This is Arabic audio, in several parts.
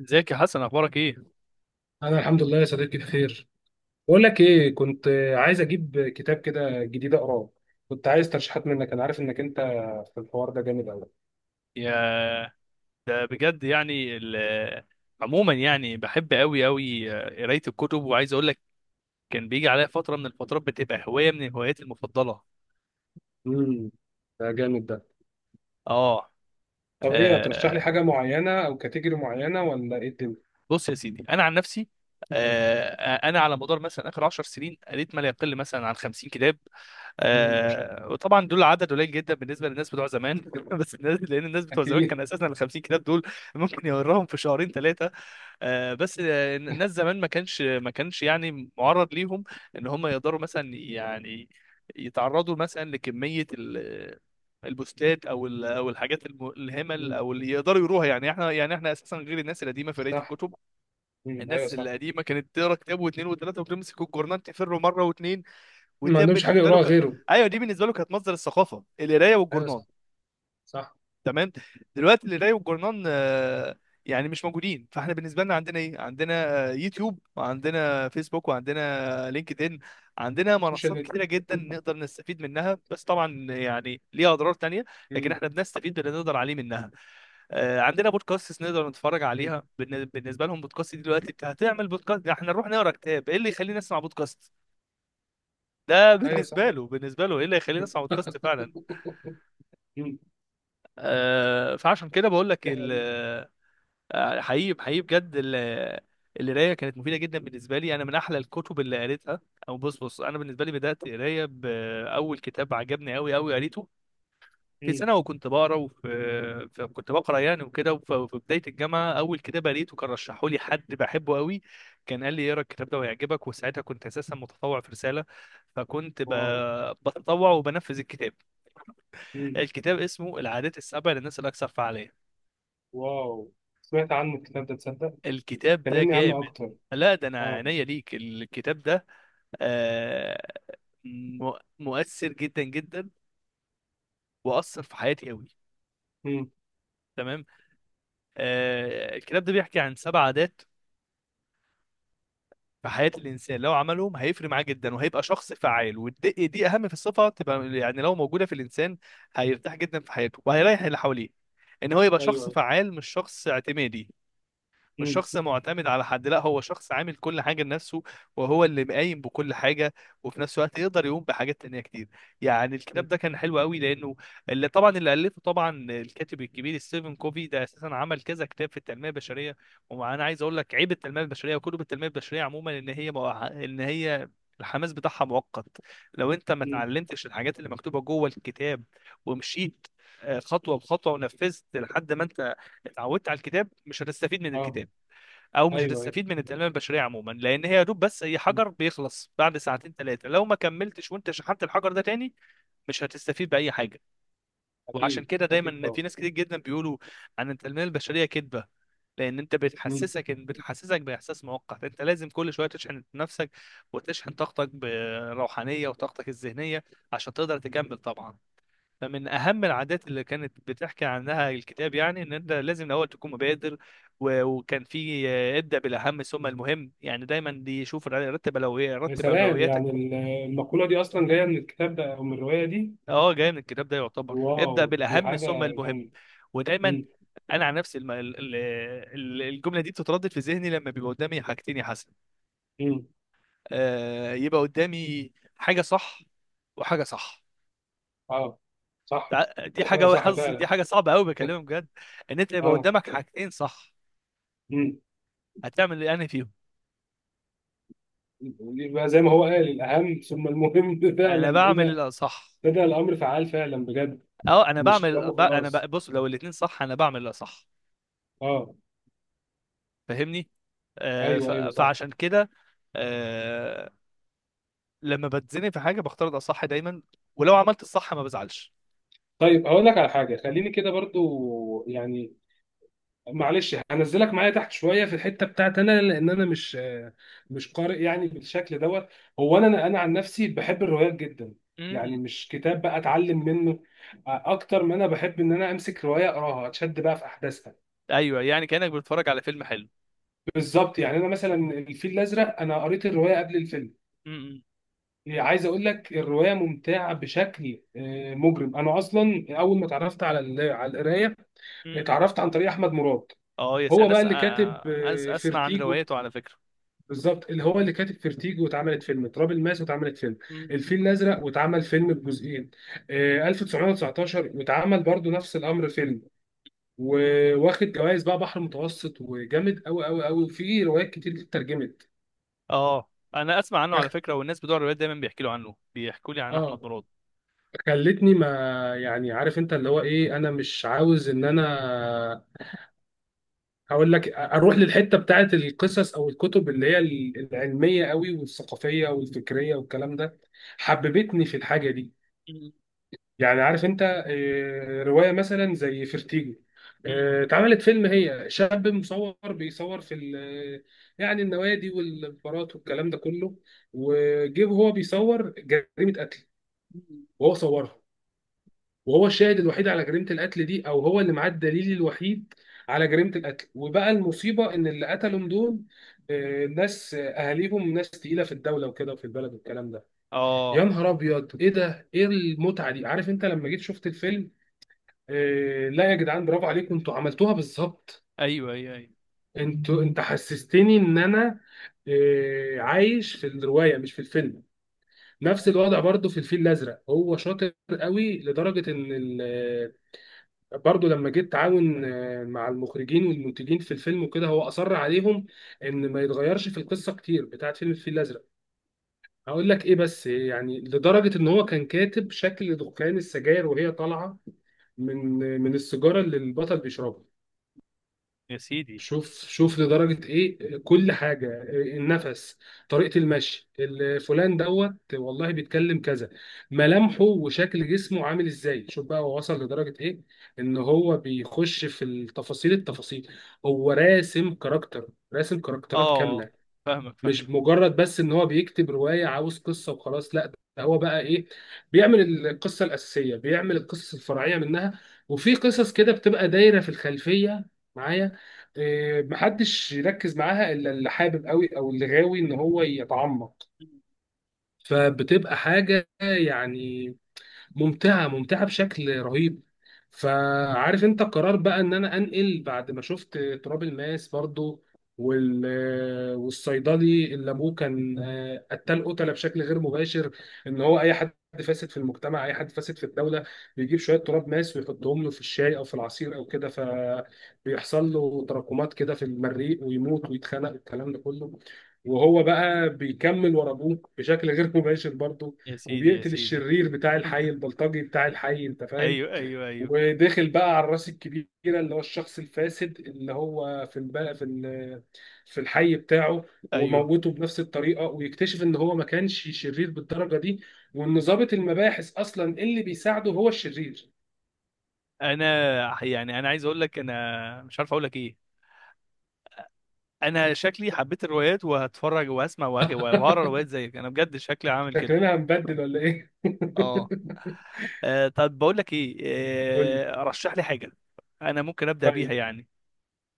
ازيك يا حسن، اخبارك ايه؟ انا الحمد لله يا صديقي بخير. بقول لك ايه، كنت عايز اجيب كتاب كده جديد اقراه. كنت عايز ترشيحات منك، انا عارف انك انت في الحوار ده جامد قوي. يا ده بجد. يعني عموما، يعني بحب قوي قوي قرايه الكتب، وعايز اقول لك كان بيجي عليا فتره من الفترات بتبقى هوايه من هواياتي المفضله. امم ده جامد ده. اه. طب ايه هترشح لي آه، حاجه معينه او كاتيجوري معينه، ولا ايه الدنيا؟ بص يا سيدي، انا عن نفسي، آه، انا على مدار مثلا اخر 10 سنين قريت ما لا يقل مثلا عن 50 كتاب. ما شاء الله. وطبعا دول عدد قليل جدا بالنسبه للناس بتوع زمان. بس الناس، لان بتوع زمان كان اكيد. اساسا ال 50 كتاب دول ممكن يقراهم في شهرين ثلاثه. بس الناس زمان ما كانش يعني معرض ليهم ان هم يقدروا مثلا، يعني يتعرضوا مثلا لكمية البوستات، او او الحاجات الهمل، امم او اللي يقدروا يروها. يعني احنا اساسا غير الناس القديمه في قرايه صح. الكتب. ايوه الناس صح. القديمه كانت تقرا كتاب واثنين وثلاثه، وتمسك الجورنان تفر مره واثنين. ما ودي عندهمش حاجه بالنسبه له يقراها غيره. ايوه، دي بالنسبه له كانت مصدر الثقافه، القرايه ايوه والجورنان. صح. صح. تمام. دلوقتي القرايه والجورنان يعني مش موجودين. فاحنا بالنسبه لنا عندنا ايه؟ عندنا يوتيوب، وعندنا فيسبوك، وعندنا لينكد ان. عندنا سوشيال منصات ميديا. كتيره جدا امم. نقدر نستفيد منها، بس طبعا يعني ليها اضرار تانية. لكن احنا بنستفيد باللي نقدر عليه منها. عندنا بودكاست نقدر نتفرج أمم. عليها. بالنسبه لهم، بودكاست دي دلوقتي هتعمل بودكاست احنا نروح نقرا كتاب؟ ايه اللي يخلينا نسمع بودكاست؟ ده ايوه صح. بالنسبه له بالنسبه له ايه اللي يخلينا نسمع بودكاست فعلا؟ امم. فعشان كده بقول لك. دي حقيقة. حقيقي حقيقي بجد، القرايه كانت مفيده جدا بالنسبه لي. انا من احلى الكتب اللي قريتها، او بص بص، انا بالنسبه لي بدات قرايه باول كتاب عجبني قوي قوي، قريته في أمم. سنه وكنت بقرا. كنت بقرا يعني وكده. وفي بدايه الجامعه اول كتاب قريته كان رشحه لي حد بحبه قوي. كان قال لي اقرا الكتاب ده وهيعجبك. وساعتها كنت اساسا متطوع في رساله، فكنت واو. بتطوع وبنفذ الكتاب. الكتاب اسمه العادات السبع للناس الاكثر فعاليه. واو، سمعت عنه الكتاب ده تصدق؟ الكتاب ده كلمني عنه جامد. اكتر. لا، ده انا اه. عينيا ليك الكتاب ده. آه، مؤثر جدا جدا، واثر في حياتي قوي. امم. تمام. الكتاب ده بيحكي عن سبع عادات في حياة الإنسان. لو عملهم هيفرق معاه جدا، وهيبقى شخص فعال. ودي أهم في الصفة تبقى، يعني لو موجودة في الإنسان هيرتاح جدا في حياته، وهيريح اللي حواليه. إن هو يبقى شخص ايوه. فعال، مش شخص اعتمادي، مش امم. شخص معتمد على حد، لا، هو شخص عامل كل حاجة لنفسه، وهو اللي قايم بكل حاجة. وفي نفس الوقت يقدر يقوم بحاجات تانية كتير. يعني الكتاب ده كان حلو قوي، لأنه اللي طبعا، اللي ألفه طبعا الكاتب الكبير ستيفن كوفي، ده أساسا عمل كذا كتاب في التنمية البشرية. وأنا عايز أقول لك عيب التنمية البشرية وكتب التنمية البشرية عموما، إن هي الحماس بتاعها مؤقت. لو انت ما امم. اتعلمتش الحاجات اللي مكتوبه جوه الكتاب، ومشيت خطوه بخطوه، ونفذت لحد ما انت اتعودت على الكتاب، مش هتستفيد من اه. الكتاب، او مش ايوه ايوه. هتستفيد من التنميه البشريه عموما. لان هي يا دوب بس، اي مم. حجر بيخلص بعد ساعتين ثلاثه لو ما كملتش وانت شحنت الحجر ده تاني. مش هتستفيد باي حاجه. وعشان اكيد كده اكيد دايما في طبعا. ناس كتير جدا بيقولوا عن التنميه البشريه كذبه. لان انت امم. بتحسسك باحساس مؤقت، انت لازم كل شويه تشحن نفسك، وتشحن طاقتك بروحانيه، وطاقتك الذهنيه، عشان تقدر تكمل طبعا. فمن اهم العادات اللي كانت بتحكي عنها الكتاب يعني، ان انت لازم الاول تكون مبادر. وكان في ابدا بالاهم ثم المهم. يعني دايما دي، رتب اولويات، يا رتب سلام، اولوياتك. يعني المقولة دي اصلا جاية من الكتاب ده او من الرواية دي؟ اه، جاي من الكتاب ده، يعتبر ابدا واو، دي بالاهم حاجة ثم المهم. جامدة. ودايما امم. انا عن نفسي، الجمله دي بتتردد في ذهني لما بيبقى قدامي حاجتين يا حسن. امم. يبقى قدامي حاجه صح وحاجه صح. اه، صح. دي دي حاجة حاجه صح حظ، دي فعلا. حاجه صعبه قوي، بكلمك بجد. ان انت يبقى اه. قدامك حاجتين صح، امم. هتعمل ايه؟ أنهي فيهم؟ يبقى زي ما هو قال، الاهم ثم المهم. فعلا انا ايه بعمل ده، الاصح. ده الامر فعال فعلا بجد. اه، انا مش بعمل كلامه خلاص. بص، لو الاتنين صح انا بعمل الاصح. اه. فاهمني؟ ايوه ايوه صح. فعشان كده. آه لما بتزنق في حاجه، بختار الاصح دايما. ولو عملت الصح ما بزعلش. طيب هقول لك على حاجه، خليني كده برضو يعني، معلش، هنزلك معايا تحت شويه في الحته بتاعت انا، لان انا مش قارئ يعني بالشكل دوت. هو انا عن نفسي بحب الروايات جدا. يعني امم. مش كتاب بقى اتعلم منه، اكتر ما انا بحب ان انا امسك روايه اقراها، اتشد بقى في احداثها. ايوه، يعني كانك بتتفرج على فيلم حلو. بالظبط. يعني انا مثلا الفيل الازرق، انا قريت الروايه قبل الفيلم. امم، عايز اقول لك، الروايه ممتعه بشكل مجرم. انا اصلا اول ما اتعرفت على القرايه، امم. اتعرفت عن طريق احمد مراد. اه، يس. هو انا بقى أس... اللي كاتب آه، أس... اسمع عن فيرتيجو. روايته على فكره. بالظبط، اللي هو اللي كاتب فيرتيجو، واتعملت فيلم تراب الماس، واتعملت فيلم امم. الفيل الازرق، واتعمل فيلم بجزئين 1919، واتعمل برضو نفس الامر فيلم. وواخد جوائز بقى بحر متوسط، وجامد قوي قوي قوي، وفي روايات كتير دي اترجمت. اه، انا اسمع عنه على أخ- فكره، والناس بتوع الروايات دايما بيحكوا له عنه بيحكوا لي عن احمد اه، مراد. خلتني ما، يعني عارف انت اللي هو ايه، انا مش عاوز ان انا، هقول لك اروح للحته بتاعت القصص او الكتب اللي هي العلميه قوي والثقافيه والفكريه والكلام ده. حببتني في الحاجه دي. امم، يعني عارف انت، روايه مثلا زي فيرتيجو، اتعملت فيلم، هي شاب مصور بيصور في يعني النوادي والبارات والكلام ده كله، وجه هو بيصور جريمه قتل، امم، وهو صورها، وهو الشاهد الوحيد على جريمه القتل دي، او هو اللي معاه الدليل الوحيد على جريمه القتل. وبقى المصيبه ان اللي قتلهم دول ناس، اهاليهم ناس تقيله في الدوله وكده وفي البلد والكلام ده. يا اه. نهار ابيض، ايه ده، ايه المتعه دي! عارف انت لما جيت شفت الفيلم، لا يا جدعان، برافو عليكم، انتوا عملتوها بالظبط. ايوه، ايوه، ايوه. انتوا، انت حسستني ان انا عايش في الروايه مش في الفيلم. نفس الوضع برضو في الفيل الازرق. هو شاطر قوي لدرجه ان برضه لما جيت اتعاون مع المخرجين والمنتجين في الفيلم وكده، هو اصر عليهم ان ما يتغيرش في القصه كتير بتاعت فيلم الفيل الازرق. هقول لك ايه بس، يعني لدرجه ان هو كان كاتب شكل دخان السجاير وهي طالعه من السيجاره اللي البطل بيشربها. يا سيدي. شوف شوف لدرجة ايه كل حاجة، إيه النفس، طريقة المشي، فلان دوت والله بيتكلم كذا، ملامحه، وشكل جسمه عامل ازاي. شوف بقى هو وصل لدرجة ايه، ان هو بيخش في التفاصيل التفاصيل. هو راسم اه، كاركترات آه. كاملة. فاهمك، فاهم. مش مجرد بس ان هو بيكتب روايه عاوز قصه وخلاص، لا ده هو بقى ايه، بيعمل القصه الاساسيه، بيعمل القصص الفرعيه منها، وفي قصص كده بتبقى دايره في الخلفيه معايا، محدش يركز معاها الا اللي حابب قوي، او اللي غاوي ان هو يتعمق. فبتبقى حاجه يعني ممتعه، ممتعه بشكل رهيب. فعارف انت قرار بقى ان انا انقل بعد ما شفت تراب الماس برضو، وال والصيدلي اللي ابوه كان قتال، قتله بشكل غير مباشر، ان هو اي حد فاسد في المجتمع، اي حد فاسد في الدوله، بيجيب شويه تراب ماس ويحطهم له في الشاي او في العصير او كده، فبيحصل له تراكمات كده في المريء ويموت ويتخنق، الكلام ده كله. وهو بقى بيكمل ورا ابوه بشكل غير مباشر برضه، يا سيدي، يا وبيقتل سيدي. الشرير بتاع الحي، البلطجي بتاع الحي، انت فاهم. ايوه، ايوه، ايوه، وداخل بقى على الراس الكبيره اللي هو الشخص الفاسد اللي هو في الب... في ال... في الحي بتاعه، ايوه. وموته بنفس الطريقه، ويكتشف ان هو ما كانش شرير بالدرجه دي، وان ضابط المباحث اصلا اللي بيساعده هو الشرير. انا، يعني انا عايز اقول لك، انا مش عارف اقول لك ايه. انا شكلي حبيت الروايات، وهتفرج وهسمع وهقرا روايات زيك. انا بجد شكلي عامل كده. شكلنا هنبدل، ولا ايه؟ اه. طب بقول لك ايه، قول لي. رشح لي حاجه انا ممكن ابدا بيها طيب يعني.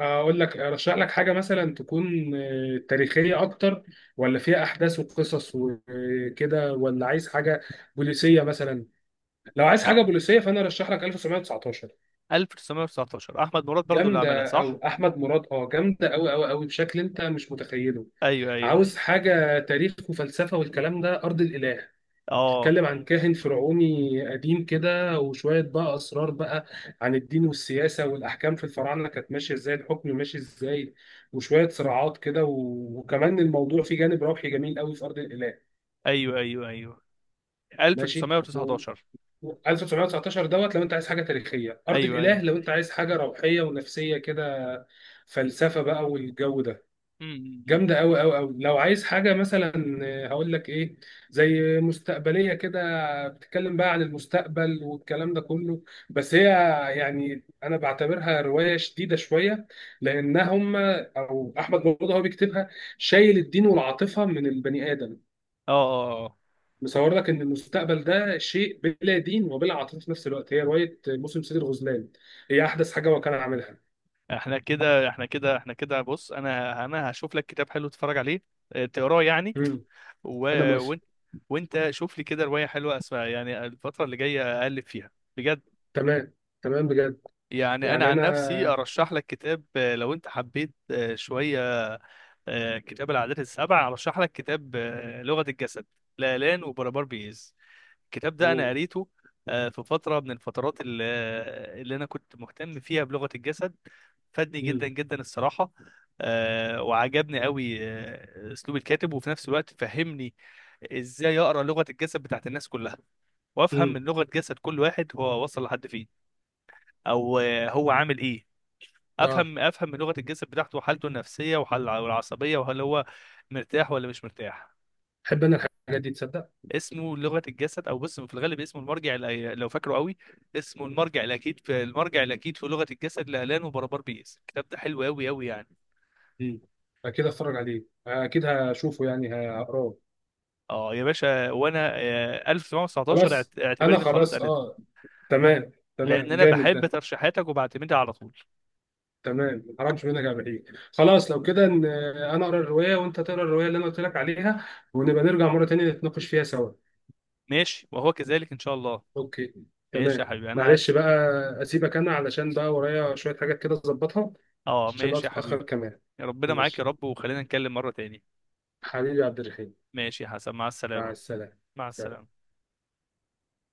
اقول لك، ارشح لك حاجه مثلا تكون تاريخيه اكتر، ولا فيها احداث وقصص وكده، ولا عايز حاجه بوليسيه مثلا؟ لو مش عايز حاجه عارف. بوليسيه، فانا ارشح لك 1919. 1919، احمد مراد برضو اللي عملها، جامده. او صح؟ احمد مراد، جامده قوي قوي قوي بشكل انت مش متخيله. ايوه، ايوه. عاوز حاجه تاريخ وفلسفه والكلام ده، ارض الاله. اه، بتتكلم عن كاهن فرعوني قديم كده، وشوية بقى أسرار بقى عن الدين والسياسة والأحكام، في الفراعنة كانت ماشية إزاي، الحكم ماشي إزاي، وشوية صراعات كده، وكمان الموضوع فيه جانب روحي جميل قوي في أرض الإله. ايوه، ايوه، ايوه. ماشي. 1919. 1919 دوت لو أنت عايز حاجة تاريخية، أرض ايوه، الإله ايوه. لو أنت عايز حاجة روحية ونفسية كده، فلسفة بقى والجو ده، أمم، أمم، أمم. جامدة أوي أوي أوي. لو عايز حاجة مثلا، هقول لك إيه، زي مستقبلية كده، بتتكلم بقى عن المستقبل والكلام ده كله، بس هي يعني أنا بعتبرها رواية شديدة شوية، لأنها أو أحمد مراد هو بيكتبها شايل الدين والعاطفة من البني آدم. اه، اه، آه. مصور لك إن المستقبل ده شيء بلا دين وبلا عاطفة في نفس الوقت. هي رواية موسم سيد الغزلان، هي أحدث حاجة هو كان عاملها. احنا كده احنا كده، بص، انا هشوف لك كتاب حلو تتفرج عليه، تقراه يعني. مم. و... أنا موافق. وانت، وانت شوف لي كده رواية حلوة اسمها، يعني الفترة اللي جاية اقلب فيها بجد. تمام، تمام بجد. يعني انا يعني عن أنا. نفسي ارشح لك كتاب، لو انت حبيت شوية، كتاب العادات السبع. ارشح لك كتاب لغة الجسد، لالان وبربار بيز. الكتاب ده انا أوه. قريته في فتره من الفترات اللي انا كنت مهتم فيها بلغه الجسد. فادني جدا جدا الصراحه. وعجبني قوي اسلوب الكاتب، وفي نفس الوقت فهمني ازاي اقرا لغه الجسد بتاعت الناس كلها، وافهم امم من لغه جسد كل واحد هو وصل لحد فين، او هو عامل ايه. اه افهم من لغه الجسد بتاعته، وحالته النفسيه والعصبيه، وهل هو مرتاح ولا مش مرتاح. بحب انا الحاجات دي تصدق. اسمه لغه الجسد، او بص، في الغالب اسمه لو فاكره قوي، اسمه المرجع الاكيد في لغه الجسد، لالان وبربار بيس. الكتاب ده حلو قوي قوي يعني. امم. اكيد اتفرج عليه، اكيد هشوفه يعني هقراه. اه، يا باشا. وانا 1919، خلاص. انا اعتبرني خلاص خلاص، قريت. اه. تمام تمام، لان انا جامد بحب ده. ترشيحاتك، وبعتمدها على طول. تمام، ما حرمش منك يا بحيي. خلاص لو كده، انا اقرا الروايه وانت تقرا الروايه اللي انا قلت لك عليها، ونبقى نرجع مره تانية نتناقش فيها سوا. ماشي، وهو كذلك ان شاء الله. اوكي. ماشي تمام. يا حبيبي. معلش بقى، اسيبك انا علشان بقى ورايا شويه حاجات كده اظبطها، اه، عشان الوقت ماشي يا حبيبي. اتاخر كمان. ربنا معاك يا ماشي. رب، وخلينا نتكلم مره تاني. حبيبي يا عبد الرحيم. ماشي يا حسن، مع مع السلامه. السلامه. مع سلام. السلامه.